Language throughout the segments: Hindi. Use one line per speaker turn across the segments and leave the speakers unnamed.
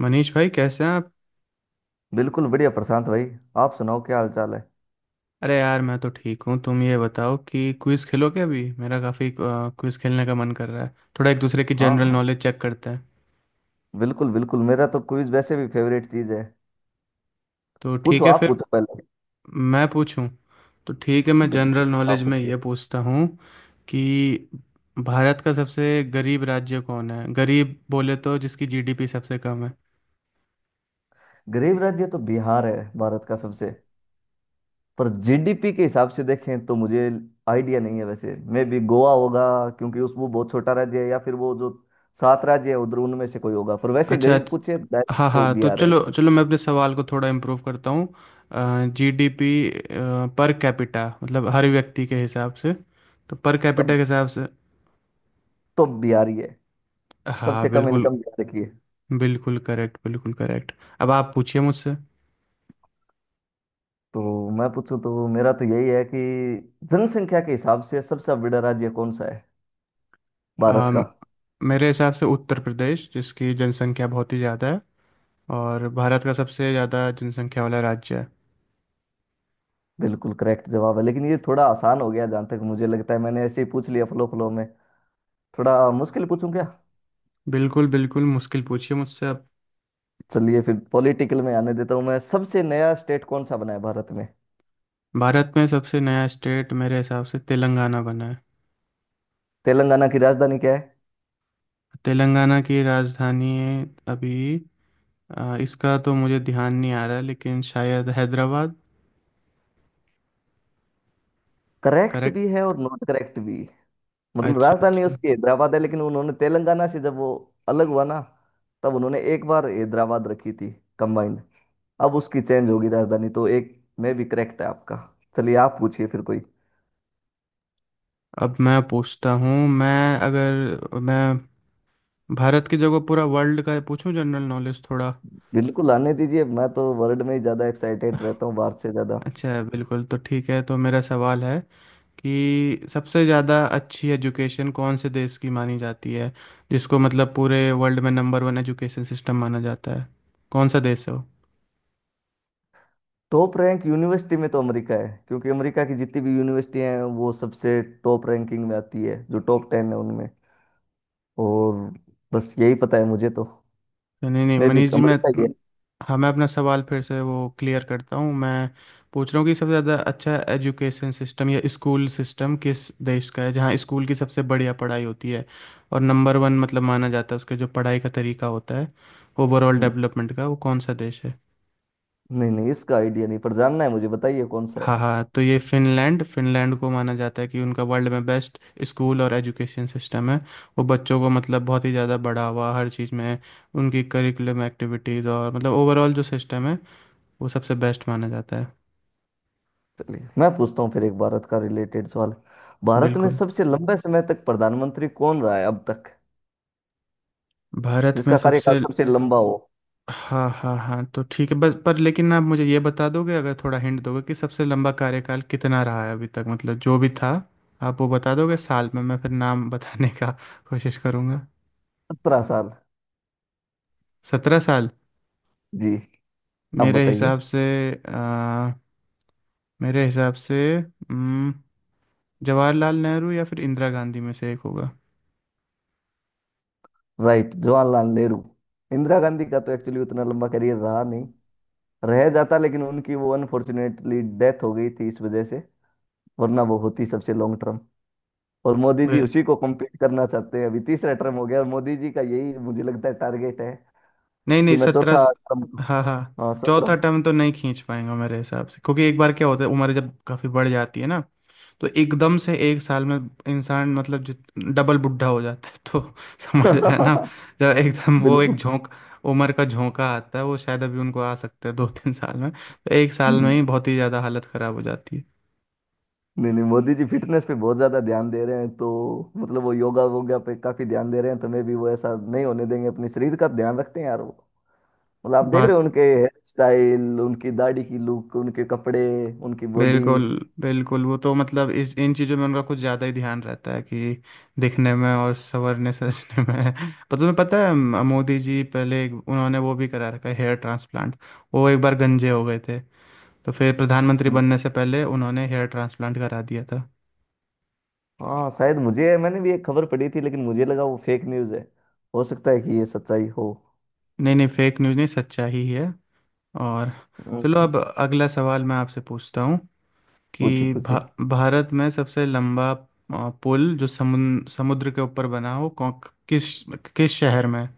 मनीष भाई कैसे हैं आप।
बिल्कुल बढ़िया, प्रशांत भाई। आप सुनाओ क्या हाल चाल है?
अरे यार मैं तो ठीक हूँ, तुम ये बताओ कि क्विज खेलोगे। अभी मेरा काफ़ी क्विज खेलने का मन कर रहा है, थोड़ा एक दूसरे की
हाँ
जनरल
हाँ।
नॉलेज चेक करते हैं।
बिल्कुल बिल्कुल, मेरा तो क्विज वैसे भी फेवरेट चीज है।
तो
पूछो,
ठीक है
आप
फिर।
पूछो पहले।
मैं पूछूं? तो ठीक है, मैं
बिल्कुल,
जनरल नॉलेज
आप
में
पूछिए।
ये पूछता हूँ कि भारत का सबसे गरीब राज्य कौन है। गरीब बोले तो जिसकी जीडीपी सबसे कम है।
गरीब राज्य तो बिहार है भारत का सबसे। पर जीडीपी के हिसाब से देखें तो मुझे आइडिया नहीं है, वैसे मे भी गोवा होगा। क्योंकि उस वो बहुत छोटा राज्य है, या फिर वो जो सात राज्य है उधर उनमें से कोई होगा। पर वैसे
अच्छा
गरीब
अच्छा।
पूछे direct
हाँ
तो
हाँ, तो
बिहार है।
चलो चलो मैं अपने सवाल को थोड़ा इम्प्रूव करता हूँ। जीडीपी पर कैपिटा मतलब हर व्यक्ति के हिसाब से। तो पर कैपिटा
तब
के हिसाब से।
तो बिहार ही है।
हाँ
सबसे कम
बिल्कुल।
इनकम बिहार की।
बिल्कुल करेक्ट, बिल्कुल करेक्ट। अब आप पूछिए मुझसे।
तो मैं पूछूं तो मेरा तो यही है कि जनसंख्या के हिसाब से सबसे बड़ा राज्य कौन सा है भारत
अम,
का?
मेरे हिसाब से उत्तर प्रदेश, जिसकी जनसंख्या बहुत ही ज़्यादा है और भारत का सबसे ज़्यादा जनसंख्या वाला राज्य है।
बिल्कुल करेक्ट जवाब है, लेकिन ये थोड़ा आसान हो गया। जहाँ तक मुझे लगता है, मैंने ऐसे ही पूछ लिया फ्लो फ्लो में। थोड़ा मुश्किल पूछूं क्या?
बिल्कुल बिल्कुल, मुश्किल पूछिए मुझसे अब।
चलिए फिर पॉलिटिकल में आने देता हूँ। मैं सबसे नया स्टेट कौन सा बना है भारत में?
भारत में सबसे नया स्टेट मेरे हिसाब से तेलंगाना बना है।
तेलंगाना की राजधानी क्या है?
तेलंगाना की राजधानी है अभी, इसका तो मुझे ध्यान नहीं आ रहा, लेकिन शायद हैदराबाद।
Correct
correct.
भी है और नॉट करेक्ट भी। मतलब
अच्छा
राजधानी
अच्छा।
उसकी हैदराबाद है, लेकिन उन्होंने तेलंगाना से जब वो अलग हुआ ना, तब उन्होंने एक बार हैदराबाद रखी थी कंबाइंड। अब उसकी चेंज होगी राजधानी, तो एक में भी करेक्ट है आपका। चलिए आप पूछिए फिर कोई।
अब मैं पूछता हूँ, मैं अगर मैं भारत की जगह पूरा वर्ल्ड का पूछूं जनरल नॉलेज थोड़ा।
बिल्कुल, आने दीजिए। मैं तो वर्ल्ड में ही ज़्यादा एक्साइटेड रहता हूँ भारत से ज़्यादा।
अच्छा बिल्कुल, तो ठीक है। तो मेरा सवाल है कि सबसे ज़्यादा अच्छी एजुकेशन कौन से देश की मानी जाती है, जिसको मतलब पूरे वर्ल्ड में नंबर वन एजुकेशन सिस्टम माना जाता है। कौन सा देश है वो।
टॉप रैंक यूनिवर्सिटी में तो अमेरिका है, क्योंकि अमेरिका की जितनी भी यूनिवर्सिटी हैं वो सबसे टॉप रैंकिंग में आती है, जो टॉप टेन है उनमें। और बस यही पता है मुझे तो।
नहीं नहीं
मैं भी
मनीष जी, मैं—
अमेरिका ही है।
हाँ, मैं अपना सवाल फिर से वो क्लियर करता हूँ। मैं पूछ रहा हूँ कि सबसे ज़्यादा अच्छा एजुकेशन सिस्टम या स्कूल सिस्टम किस देश का है, जहाँ स्कूल की सबसे बढ़िया पढ़ाई होती है और नंबर वन मतलब माना जाता है। उसके जो पढ़ाई का तरीका होता है, ओवरऑल
न-
डेवलपमेंट का, वो कौन सा देश है।
नहीं नहीं, इसका आइडिया नहीं पर जानना है, मुझे बताइए कौन सा
हाँ
है।
हाँ, तो ये फिनलैंड, फिनलैंड को माना जाता है कि उनका वर्ल्ड में बेस्ट स्कूल और एजुकेशन सिस्टम है। वो बच्चों को मतलब बहुत ही ज़्यादा बढ़ावा हर चीज़ में, उनकी करिकुलम एक्टिविटीज़ और मतलब ओवरऑल जो सिस्टम है, वो सबसे बेस्ट माना जाता है।
चलिए मैं पूछता हूँ फिर एक भारत का रिलेटेड सवाल। भारत में
बिल्कुल।
सबसे लंबे समय तक प्रधानमंत्री कौन रहा है अब तक?
भारत में
जिसका कार्यकाल
सबसे—
सबसे लंबा हो।
हाँ हाँ हाँ, तो ठीक है बस, पर लेकिन आप मुझे ये बता दोगे अगर थोड़ा हिंट दोगे कि सबसे लंबा कार्यकाल कितना रहा है अभी तक, मतलब जो भी था। आप वो बता दोगे साल में, मैं फिर नाम बताने का कोशिश करूँगा।
17 साल।
17 साल?
जी। अब
मेरे
बताइए।
हिसाब से, आ, मेरे हिसाब से जवाहरलाल नेहरू या फिर इंदिरा गांधी में से एक होगा।
राइट, जवाहरलाल नेहरू। इंदिरा गांधी का तो एक्चुअली उतना लंबा करियर रहा नहीं। रह जाता, लेकिन उनकी वो अनफॉर्चुनेटली डेथ हो गई थी, इस वजह से। वरना वो होती सबसे लॉन्ग टर्म। और मोदी जी
वे-
उसी को कंप्लीट करना चाहते हैं, अभी तीसरा टर्म हो गया, और मोदी जी का यही मुझे लगता है टारगेट है
नहीं
कि
नहीं,
मैं
सत्रह।
चौथा टर्म।
हाँ हाँ।
हाँ
चौथा
सत्रह।
टर्म तो नहीं खींच पाएंगा मेरे हिसाब से, क्योंकि एक बार क्या होता है उम्र जब काफ़ी बढ़ जाती है ना, तो एकदम से एक साल में इंसान मतलब जित डबल बुढ़ा हो जाता है, तो समझ रहे हैं ना। जब एकदम वो एक
बिल्कुल।
झोंक उम्र का झोंका आता है, वो शायद अभी उनको आ सकता है दो तीन साल में, तो एक साल में ही
हम्म,
बहुत ही ज़्यादा हालत ख़राब हो जाती है।
नहीं नहीं, मोदी जी फिटनेस पे बहुत ज्यादा ध्यान दे रहे हैं तो। मतलब वो योगा वोगा पे काफी ध्यान दे रहे हैं तो मैं भी वो ऐसा नहीं होने देंगे, अपने शरीर का ध्यान रखते हैं यार वो। मतलब आप देख रहे
बात—
हो उनके हेयर स्टाइल, उनकी दाढ़ी की लुक, उनके कपड़े, उनकी बॉडी।
बिल्कुल बिल्कुल, वो तो मतलब इस इन चीज़ों में उनका कुछ ज़्यादा ही ध्यान रहता है कि दिखने में और संवरने सजने में पर तुम्हें पता है मोदी जी पहले उन्होंने वो भी करा रखा है हेयर ट्रांसप्लांट। वो एक बार गंजे हो गए थे, तो फिर प्रधानमंत्री बनने से पहले उन्होंने हेयर ट्रांसप्लांट करा दिया था।
हाँ शायद, मुझे मैंने भी एक खबर पढ़ी थी, लेकिन मुझे लगा वो फेक न्यूज है। हो सकता है कि ये सच्चाई हो।
नहीं नहीं, फेक न्यूज़ नहीं, सच्चा ही है। और
हम्म,
चलो अब अगला सवाल मैं आपसे पूछता हूँ
पूछिए
कि
पूछिए।
भारत में सबसे लंबा पुल जो समुद्र समुद्र के ऊपर बना हो कौन, किस किस शहर में।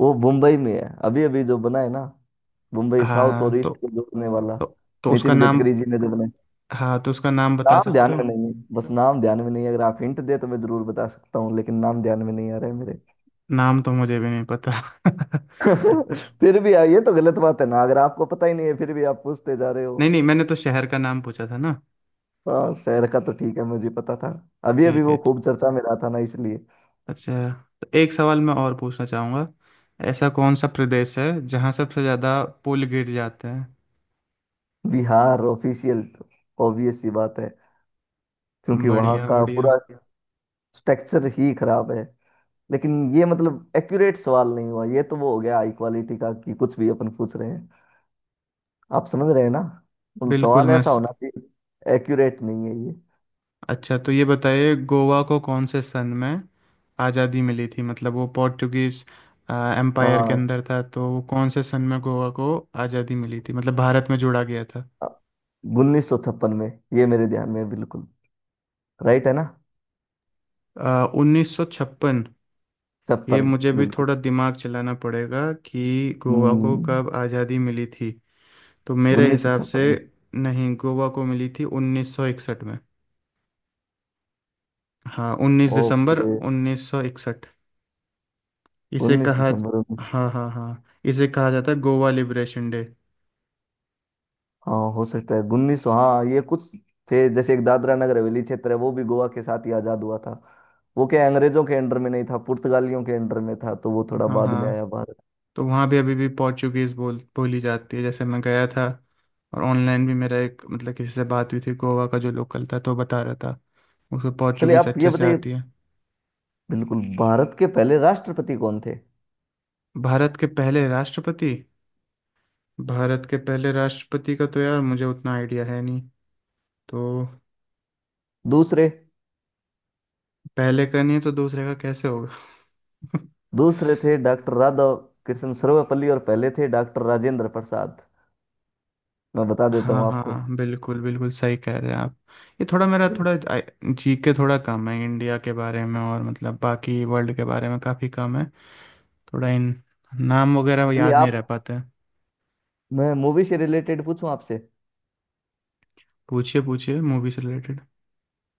वो मुंबई में है, अभी अभी जो बना है ना। मुंबई साउथ
हाँ
और
तो
ईस्ट को जोड़ने वाला,
तो, तो उसका
नितिन
नाम—
गडकरी जी ने जो बनाया।
हाँ तो उसका नाम बता
नाम ध्यान
सकते हो?
में नहीं है, बस नाम ध्यान में नहीं है। अगर आप हिंट दे तो मैं जरूर बता सकता हूँ, लेकिन नाम ध्यान में नहीं आ रहा है मेरे।
नाम तो मुझे भी नहीं पता
फिर भी ये तो गलत बात है ना, अगर आपको पता ही नहीं है फिर भी आप पूछते जा रहे
नहीं
हो।
नहीं, मैंने तो शहर का नाम पूछा था ना।
हाँ शहर का तो ठीक है, मुझे पता था। अभी अभी
ठीक
वो
है।
खूब चर्चा में रहा था ना, इसलिए।
अच्छा, तो एक सवाल मैं और पूछना चाहूँगा। ऐसा कौन सा प्रदेश है जहाँ सबसे ज़्यादा पुल गिर जाते हैं।
बिहार ऑफिशियल। ऑब्वियस सी बात है, क्योंकि वहाँ
बढ़िया
का
बढ़िया।
पूरा स्ट्रक्चर ही खराब है। लेकिन ये मतलब एक्यूरेट सवाल नहीं हुआ, ये तो वो हो गया हाई क्वालिटी का कि कुछ भी अपन पूछ रहे हैं। आप समझ रहे हैं ना? तो
बिल्कुल
सवाल
मैं
ऐसा
स...
होना चाहिए, एक्यूरेट नहीं है ये।
अच्छा, तो ये बताइए गोवा को कौन से सन में आज़ादी मिली थी, मतलब वो पोर्टुगीज एम्पायर के
हाँ,
अंदर था, तो वो कौन से सन में गोवा को आज़ादी मिली थी, मतलब भारत में जोड़ा गया था।
1956 में। ये मेरे ध्यान में है, बिल्कुल। राइट है ना?
1956? ये
छप्पन।
मुझे भी
बिल्कुल।
थोड़ा दिमाग चलाना पड़ेगा कि गोवा को
हम्म।
कब आज़ादी मिली थी। तो मेरे
उन्नीस सौ
हिसाब से
छप्पन में।
नहीं, गोवा को मिली थी 1961 में। हाँ, 19 दिसंबर
ओके।
1961। इसे
उन्नीस
कहा—
दिसंबर उन्नीस।
हाँ हाँ हाँ, इसे कहा जाता है गोवा लिबरेशन डे।
हाँ हो सकता है, उन्नीस सौ, हाँ ये कुछ थे। जैसे एक दादरा नगर हवेली क्षेत्र है, वो भी गोवा के साथ ही आजाद हुआ था। वो क्या, अंग्रेजों के अंडर में नहीं था, पुर्तगालियों के अंडर में था, तो वो थोड़ा
हाँ
बाद में
हाँ,
आया भारत।
तो वहाँ भी अभी भी पोर्चुगीज़ बोली जाती है। जैसे मैं गया था और ऑनलाइन भी मेरा एक मतलब किसी से बात हुई थी, गोवा का जो लोकल था तो बता रहा था, उसको
चलिए
पोर्चुगीज़
आप ये
अच्छे से
बताइए।
आती है।
बिल्कुल, भारत के पहले राष्ट्रपति कौन थे?
भारत के पहले राष्ट्रपति— भारत के पहले राष्ट्रपति का तो यार मुझे उतना आइडिया है नहीं, तो
दूसरे?
पहले का नहीं है तो दूसरे का कैसे होगा
दूसरे थे डॉक्टर राधा कृष्ण सर्वपल्ली, और पहले थे डॉक्टर राजेंद्र प्रसाद। मैं बता देता
हाँ
हूँ आपको।
हाँ, बिल्कुल बिल्कुल सही कह रहे हैं आप। ये थोड़ा मेरा थोड़ा
बिल्कुल।
जी के थोड़ा कम है इंडिया के बारे में, और मतलब बाकी वर्ल्ड के बारे में काफ़ी कम है, थोड़ा इन नाम वगैरह
चलिए
याद नहीं
आप।
रह पाते।
मैं मूवी से रिलेटेड पूछूं आपसे?
पूछिए पूछिए मूवी से रिलेटेड।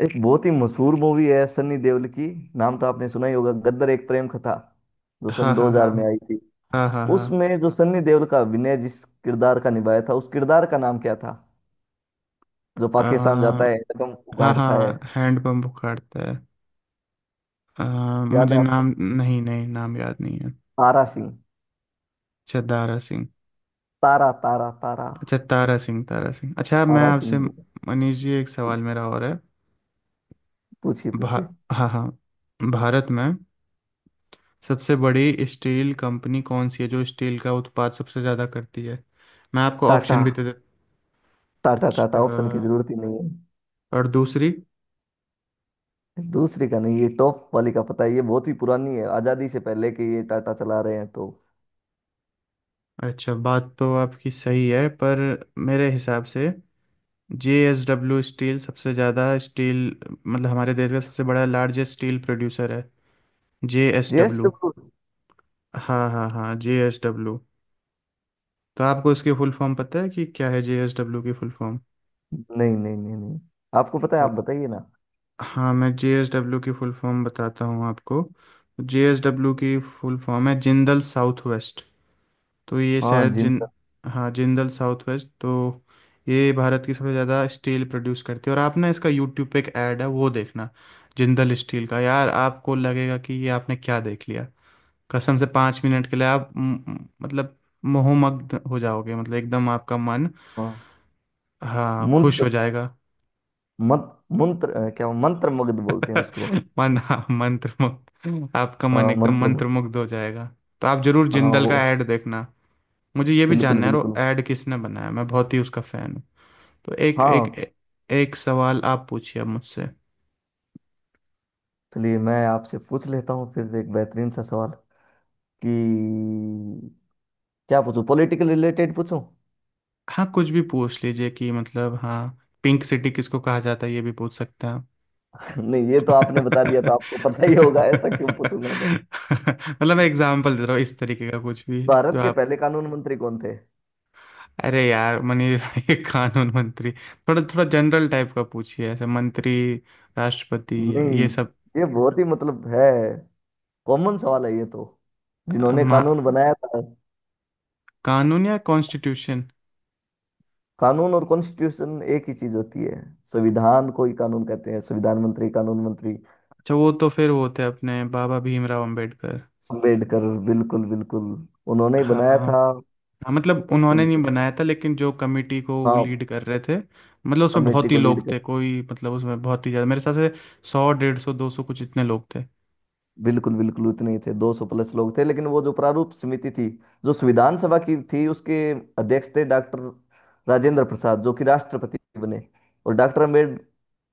एक बहुत ही मशहूर मूवी है सनी देओल की, नाम तो आपने सुना ही होगा, गद्दर एक प्रेम कथा, जो
हाँ
सन
हाँ हाँ।
2000 में आई थी।
हाँ हाँ हाँ।
उसमें जो सनी देओल का अभिनय, जिस किरदार का निभाया था, उस किरदार का नाम क्या था? जो पाकिस्तान जाता
अ,
है कदम
हाँ
उगाड़ता है।
हाँ, हैंडपम्प उखाड़ता है। अ,
याद
मुझे
है आपको?
नाम नहीं, नहीं नाम याद नहीं है।
तारा सिंह।
अच्छा दारा सिंह।
तारा तारा तारा।
अच्छा तारा सिंह, तारा सिंह। अच्छा मैं
तारा सिंह।
आपसे मनीष जी एक सवाल मेरा और है।
पूछिए
भा—
पूछिए।
हाँ हाँ। भारत में सबसे बड़ी स्टील कंपनी कौन सी है जो स्टील का उत्पाद सबसे ज़्यादा करती है? मैं आपको
टाटा।
ऑप्शन भी दे दे?
टाटा टाटा
अच्छा।
ऑप्शन की जरूरत ही नहीं
और दूसरी?
है। दूसरी का नहीं, ये टॉप वाली का पता है, ये बहुत ही पुरानी है, आजादी से पहले के ये टाटा चला रहे हैं तो।
अच्छा बात तो आपकी सही है, पर मेरे हिसाब से जे एस डब्ल्यू स्टील सबसे ज़्यादा स्टील, मतलब हमारे देश का सबसे बड़ा लार्जेस्ट स्टील प्रोड्यूसर है, जे एस डब्ल्यू।
जेएसडब्ल्यू।
हाँ हाँ हाँ, जे एस डब्ल्यू। तो आपको इसकी फुल फॉर्म पता है कि क्या है, जे एस डब्ल्यू की फुल फॉर्म?
नहीं नहीं नहीं नहीं। आपको पता है,
तो
आप बताइए ना।
हाँ, मैं जेएसडब्ल्यू की फुल फॉर्म बताता हूँ आपको। जेएसडब्ल्यू की फुल फॉर्म है जिंदल साउथ वेस्ट। तो ये
हाँ,
शायद
जिंदल।
जिन— हाँ जिंदल साउथ वेस्ट। तो ये भारत की सबसे ज़्यादा स्टील प्रोड्यूस करती है। और आप ना, इसका यूट्यूब पे एक ऐड है वो देखना, जिंदल स्टील का, यार आपको लगेगा कि ये आपने क्या देख लिया। कसम से 5 मिनट के लिए आप मतलब मोहमग्न हो जाओगे, मतलब एकदम आपका मन—
हाँ
हाँ खुश
मंत्र,
हो जाएगा।
मंत्र मंत्र, क्या वो, मंत्र मगध बोलते हैं उसको?
मन, हाँ, मंत्रमुग्ध, आपका मन
हाँ
एकदम
मंत्र।
मंत्रमुग्ध हो जाएगा। तो आप जरूर
हाँ
जिंदल
वो।
का ऐड देखना। मुझे ये भी
बिल्कुल
जानना है वो
बिल्कुल।
ऐड किसने बनाया, मैं बहुत ही उसका फैन हूँ। तो एक एक
हाँ।
एक सवाल आप पूछिए अब मुझसे।
चलिए मैं आपसे पूछ लेता हूँ फिर एक बेहतरीन सा सवाल। कि क्या पूछूं, पॉलिटिकल रिलेटेड पूछूं?
हाँ कुछ भी पूछ लीजिए कि मतलब हाँ, पिंक सिटी किसको कहा जाता है ये भी पूछ सकते हैं आप।
नहीं ये तो आपने बता दिया, तो आपको पता ही होगा, ऐसा क्यों पूछूंगा मैं।
मतलब मैं एग्जांपल दे रहा हूँ इस तरीके का कुछ भी।
भारत
जो—
के पहले कानून मंत्री कौन थे?
अरे यार मनीष भाई कानून मंत्री? थोड़ा थोड़ा जनरल टाइप का पूछिए, ऐसे मंत्री, राष्ट्रपति,
नहीं
ये सब।
ये बहुत ही मतलब है, कॉमन सवाल है ये तो। जिन्होंने कानून
महा-
बनाया था।
कानून या कॉन्स्टिट्यूशन?
कानून और कॉन्स्टिट्यूशन एक ही चीज होती है, संविधान को ही कानून कहते हैं। संविधान मंत्री, कानून मंत्री।
अच्छा वो तो फिर वो होते हैं अपने बाबा भीमराव अंबेडकर।
अम्बेडकर। बिल्कुल बिल्कुल, उन्होंने ही
हाँ
बनाया
हाँ
था।
हाँ, मतलब उन्होंने
बिल्कुल।
नहीं बनाया था लेकिन जो कमेटी को वो लीड
हाँ।
कर रहे थे। मतलब उसमें
कमेटी
बहुत ही
को लीड।
लोग थे, कोई मतलब उसमें बहुत ही ज़्यादा मेरे हिसाब से 100 150 200 कुछ इतने लोग थे।
बिल्कुल बिल्कुल उतने ही थे, 200 प्लस लोग थे, लेकिन वो जो प्रारूप समिति थी, जो संविधान सभा की थी, उसके अध्यक्ष थे डॉक्टर राजेंद्र प्रसाद, जो कि राष्ट्रपति बने। और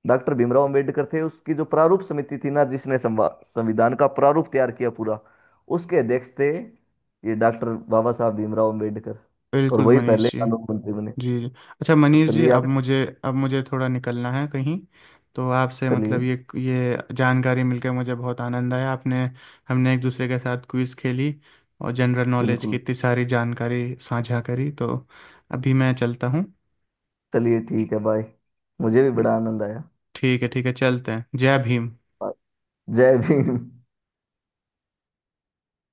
डॉक्टर भीमराव अम्बेडकर थे उसकी जो प्रारूप समिति थी ना, जिसने संविधान का प्रारूप तैयार किया पूरा। उसके अध्यक्ष थे ये डॉक्टर बाबा साहब भीमराव अम्बेडकर। और
बिल्कुल
वही पहले
मनीष जी।
कानून मंत्री बने।
जी जी। अच्छा
तो
मनीष जी,
चलिए आप।
अब मुझे थोड़ा निकलना है कहीं, तो आपसे
चलिए।
मतलब ये जानकारी मिलकर मुझे बहुत आनंद आया। आपने हमने एक दूसरे के साथ क्विज खेली और जनरल नॉलेज की
बिल्कुल।
इतनी सारी जानकारी साझा करी, तो अभी मैं चलता हूँ।
चलिए ठीक है, बाय। मुझे भी बड़ा आनंद आया।
ठीक है चलते हैं, जय भीम।
Bye। जय भीम।